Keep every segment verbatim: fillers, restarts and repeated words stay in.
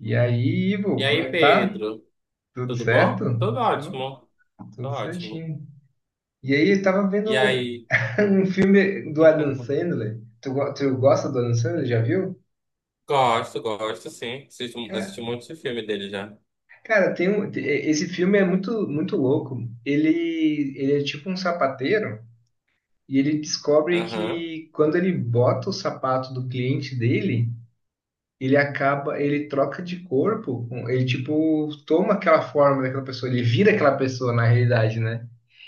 E aí, E Ivo, como aí, é que tá? Pedro? Tudo Tudo certo? bom? Tudo Eu, ótimo. Tô tudo ótimo. certinho. E aí, eu tava vendo E aí? um filme do Adam Sandler. Tu, go- tu gosta do Adam Sandler? Já viu? Gosto, gosto, sim. Assisti, Ca- assisti um monte de filme dele já. Cara, tem um, te- esse filme é muito, muito louco. Ele, ele é tipo um sapateiro e ele descobre Aham, que quando ele bota o sapato do cliente dele, ele acaba, ele troca de corpo, com- ele tipo toma aquela forma daquela pessoa, ele vira aquela pessoa na realidade, né?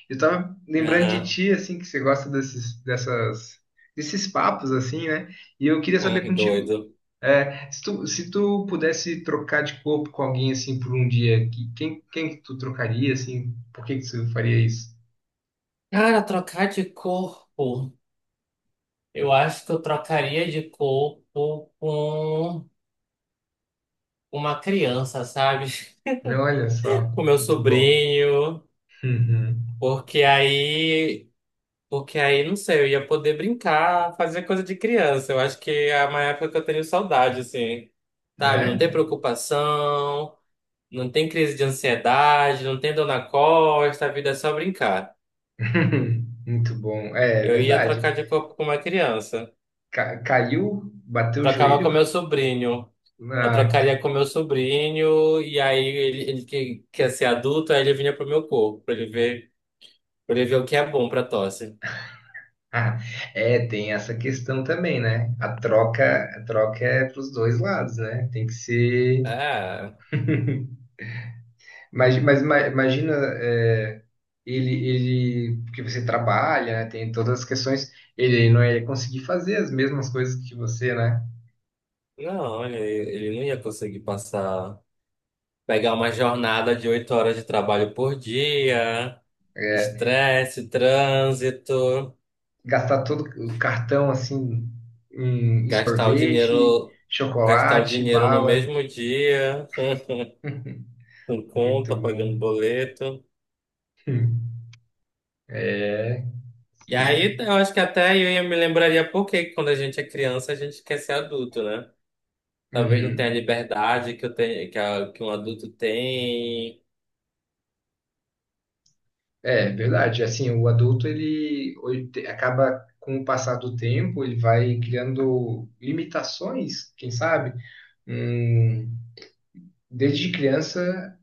Eu tava lembrando de aham. ti, assim, que você gosta desses, dessas, desses papos, assim, né? E eu queria saber Hum, contigo, doido. é, se tu, se tu pudesse trocar de corpo com alguém, assim, por um dia, que- quem, quem que tu trocaria, assim? Por que que tu faria isso? Cara, trocar de corpo. Eu acho que eu trocaria de corpo com uma criança, sabe? Olha só, Com meu muito bom. sobrinho. Uhum. Porque aí Porque aí, não sei, eu ia poder brincar, fazer coisa de criança. Eu acho que é uma época que eu tenho saudade, assim. Sabe? Não É? tem preocupação, não tem crise de ansiedade, não tem dor na costa, a vida é só brincar. Muito bom. É, é Eu ia verdade. trocar de corpo com uma criança. Ca- caiu, bateu o Trocava com joelho, meu sobrinho. Eu ah. trocaria com meu sobrinho, e aí ele, ele que quer ser adulto, aí ele vinha pro meu corpo, pra ele ver, pra ele ver o que é bom pra tosse. Ah, é, tem essa questão também, né? A troca, a troca é para os dois lados, né? Tem que ser. É, Mas, mas ima- imagina, é, ele, ele, porque você trabalha, né? Tem todas as questões, ele não ia conseguir fazer as mesmas coisas que você, né? não, ele, ele não ia conseguir passar. Pegar uma jornada de oito horas de trabalho por dia, É, estresse, trânsito, gastar todo o cartão assim em, em gastar o sorvete, dinheiro, gastar o chocolate, dinheiro no bala. mesmo dia, com Muito conta, pagando bom. boleto. É, E aí eu acho que até eu ia me lembraria por que quando a gente é criança a gente quer ser adulto, né? Talvez não tenha a sim. liberdade que eu tenho, que, a- que um adulto tem. É, verdade. Assim, o adulto ele oi- te- acaba com o passar do tempo, ele vai criando limitações, quem sabe? Hum, desde criança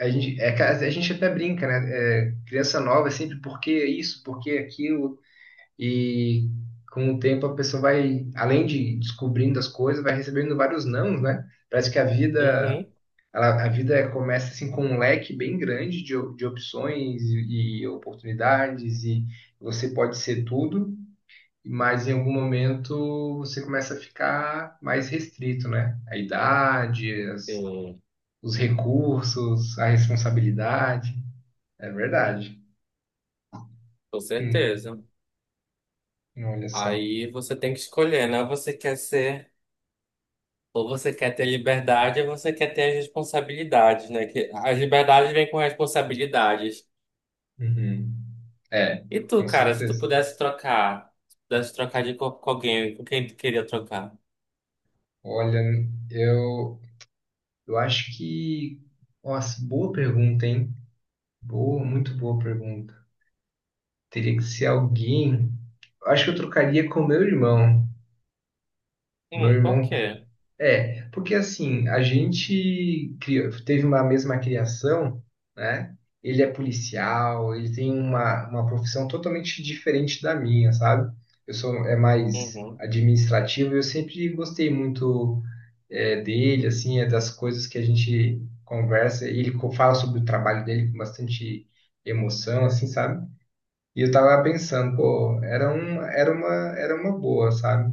a gente, é ca- a gente até brinca, né? É, criança nova é sempre porque isso, porque aquilo e com o tempo a pessoa vai, além de descobrindo as coisas, vai recebendo vários nãos, né? Parece que a vida Uhum. ela- a vida começa assim com um leque bem grande de, op- de opções e, e oportunidades, e você pode ser tudo, mas em algum momento você começa a ficar mais restrito, né? A idade, as- Sim, os recursos, a responsabilidade. É verdade. com Hum, certeza. olha só. Aí você tem que escolher, né? Você quer ser Ou você quer ter liberdade, ou você quer ter as responsabilidades, né? Que as liberdades vêm com responsabilidades. Uhum. É, E tu, com cara, se tu certeza. pudesse trocar, se pudesse trocar de corpo com alguém, com quem tu queria trocar? Olha, eu, eu acho que... Nossa, boa pergunta, hein? Boa, muito boa pergunta. Teria que ser alguém. Eu acho que eu trocaria com o meu irmão. Meu Hum, por irmão. quê? É, porque assim, a gente criou- teve uma mesma criação, né? Ele é policial, ele tem uma, uma profissão totalmente diferente da minha, sabe? Eu sou é mais Uhum. administrativo, eu sempre gostei muito é, dele, assim, é das coisas que a gente conversa. E Ele co- fala sobre o trabalho dele com bastante emoção, assim, sabe? E eu tava pensando, pô, era um, era uma, era uma boa, sabe?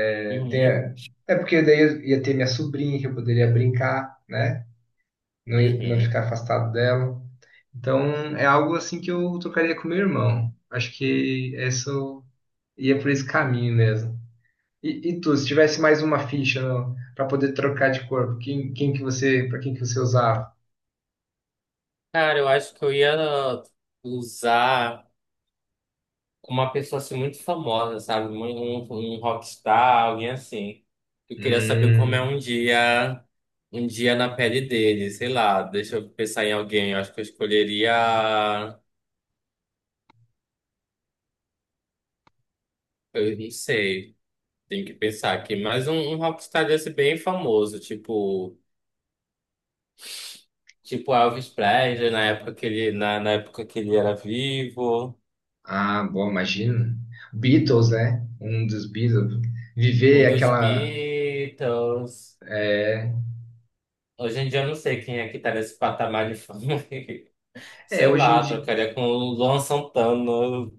É, tem, Uhum. a- é porque daí eu ia ter minha sobrinha que eu poderia brincar, né? Não ia, não Uhum. ficar afastado dela. Então é algo assim que eu tocaria com meu irmão. Acho que isso ia por esse caminho mesmo. E, e tu, se tivesse mais uma ficha para poder trocar de corpo, quem, quem que você, para quem que você usava? Cara, eu acho que eu ia usar. Uma pessoa assim muito famosa, sabe? Um, um, um rockstar, alguém assim. Eu queria saber como é Hum, um dia, um dia na pele dele, sei lá, deixa eu pensar em alguém, eu acho que eu escolheria, eu não sei, tenho que pensar aqui, mas um, um rockstar desse bem famoso, tipo, tipo Elvis Presley, na época que ele, na, na época que ele era vivo, ah, bom, imagina. Beatles, né? Um dos Beatles. Viver um dos aquela... Beatles. É, Hoje em dia eu não sei quem é que tá nesse patamar de fama. é, Sei hoje em lá, dia, trocaria com o Luan Santana.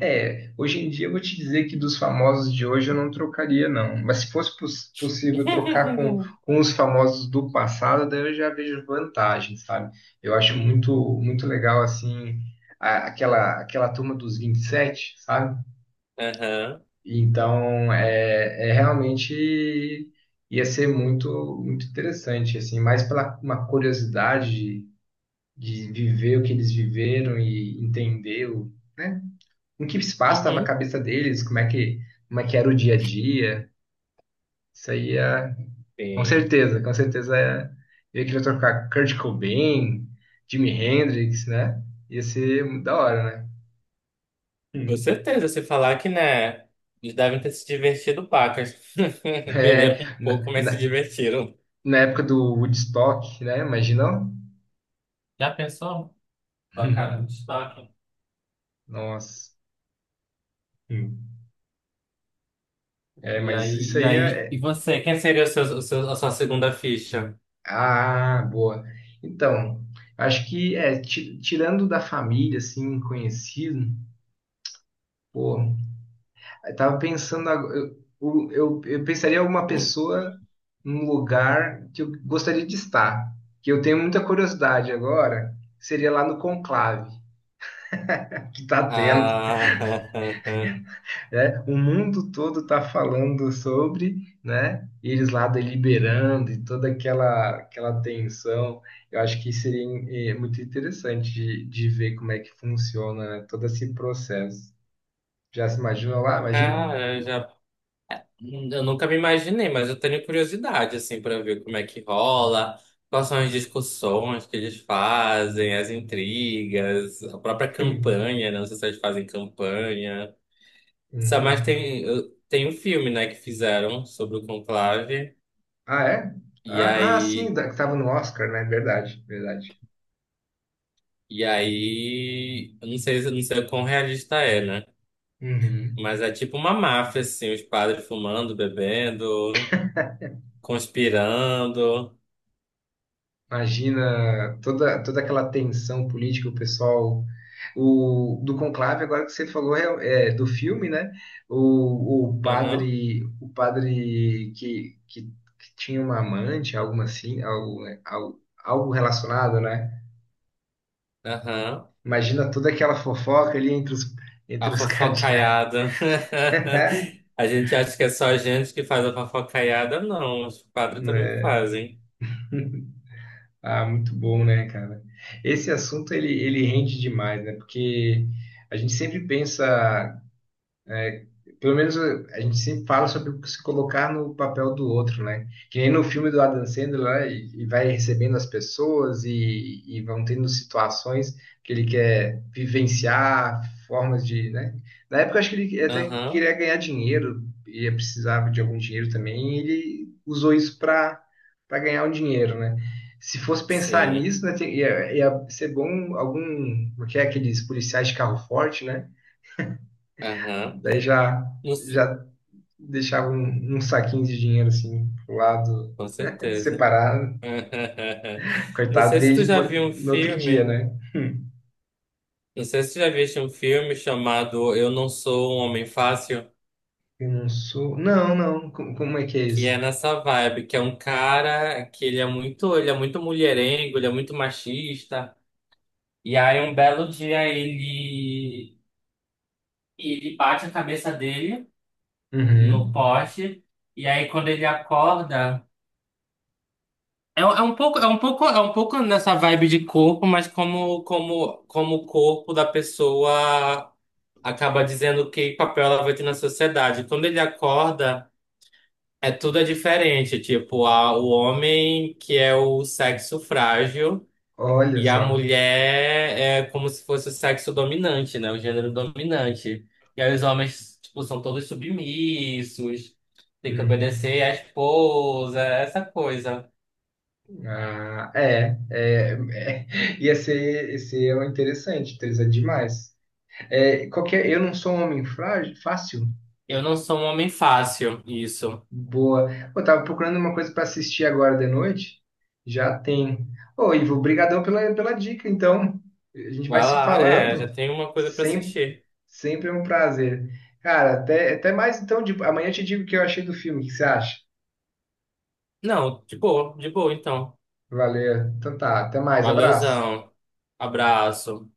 é, hoje em dia eu vou te dizer que dos famosos de hoje eu não trocaria, não. Mas se fosse poss- possível trocar com, com os famosos do passado, daí eu já vejo vantagem, sabe? Eu acho muito, muito legal, assim, a- aquela, aquela turma dos vinte e sete, sabe? Aham. Então, é, é realmente ia ser muito, muito interessante, assim, mais pela uma curiosidade de, de viver o que eles viveram e entender o né, em que espaço estava a Uhum. cabeça deles, como é que, como é que era o dia a dia. Isso aí é, com Sim. certeza, com certeza é, eu queria trocar Kurt Cobain, Jimi Hendrix, né? Ia ser muito da hora, né? Com Hum. certeza, se falar que, né, eles devem ter se divertido pacas. É, Beberam um pouco, na, mas se na, divertiram. na época do Woodstock, né? Imagina. Já pensou? Tocaram no destaque? Nossa. Hum. É, E mas aí, isso e aí aí, é. e é- você? Quem seria o seu, o seu- a sua segunda ficha? Ah, boa. Então, acho que é, ti- tirando da família, assim, conhecido, pô, eu tava pensando, agora- eu, eu, eu pensaria em alguma pessoa num lugar que eu gostaria de estar, que eu tenho muita curiosidade agora, seria lá no conclave que tá tendo, Ah, né? O mundo todo tá falando sobre, né? E eles lá deliberando e toda aquela aquela tensão. Eu acho que seria eh, muito interessante de, de ver como é que funciona né, todo esse processo. Já se imagina lá? Imagina? cara, eu já. Eu nunca me imaginei, mas eu tenho curiosidade, assim, para ver como é que rola, quais são as discussões que eles fazem, as intrigas, a própria campanha, né? Não sei se eles fazem campanha. Sabe, mas Uhum. tem, eu- tem um filme, né, que fizeram sobre o Conclave, Ah, é? e Ah, ah, sim, aí, da- que tava no Oscar, né? Verdade, verdade. e aí, eu não sei, eu não sei o quão realista é, né? Uhum. Mas é tipo uma máfia, assim, os padres fumando, bebendo, conspirando. Imagina toda, toda aquela tensão política, o pessoal. O, do conclave, agora que você falou é, é, do filme, né? O, o Aham, padre, o padre que, que, que tinha uma amante, algo assim, algo, né, algo, algo relacionado, né? aham. Imagina toda aquela fofoca ali entre os, entre A os cadeados, fofocaiada. A gente acha que é só a gente que faz a fofocaiada. Não, os padres também né? fazem. Ah, muito bom, né, cara? Esse assunto ele, ele rende demais, né? Porque a gente sempre pensa pelo menos eh, a gente sempre fala sobre se colocar no papel do outro, né? Que nem no filme do Adam Sandler lá, e, e vai recebendo as pessoas e, e vão tendo situações que ele quer vivenciar, formas de, né? Na época eu acho que ele até Aham, queria ganhar dinheiro e precisava de algum dinheiro também, e ele usou isso para para ganhar um dinheiro, né? Se fosse pensar sim. nisso, né, tem- ia, ia ser bom algum, o que é aqueles policiais de carro forte, né? Aham. Daí já Não s- já deixava um, um saquinho de dinheiro assim pro lado, Com certeza. separado. Não Coitado sei se tu desde já viu um no outro dia, filme. né? Não sei se tu já viste um filme chamado Eu Não Sou um Homem Fácil, Eu não sou. Não, não. Como, como é que é que é isso? nessa vibe, que é um cara que ele é muito, ele é muito mulherengo, ele é muito machista. E aí um belo dia ele E ele bate a cabeça dele no Uhum. poste. E aí quando ele acorda. É, um- é um pouco, é um pouco, é um pouco nessa vibe de corpo, mas como, como, como o corpo da pessoa acaba dizendo que papel ela vai ter na sociedade. Quando ele acorda, é tudo é diferente. Tipo, a, o homem que é o sexo frágil. Olha E a só. mulher é como se fosse o sexo dominante, né? O gênero dominante. E aí os homens, tipo, são todos submissos, tem que obedecer Uhum. à esposa, essa coisa. Ah, é, é, é. Ia ser, ia ser interessante, interessante demais. É, qualquer, eu não sou um homem frágil, fácil. Eu não sou um homem fácil, isso. Boa. Eu tava procurando uma coisa para assistir agora de noite. Já tem. Ô, Ivo, brigadão pela, pela dica. Então, a gente vai Vai se lá, é, já falando. tem uma coisa pra Sempre, assistir. sempre é um prazer. Cara, até, até mais então. De... Amanhã eu te digo o que eu achei do filme. O que você acha? Não, de boa, de boa então. Valeu. Então tá, até mais. Abraço. Valeuzão. Abraço.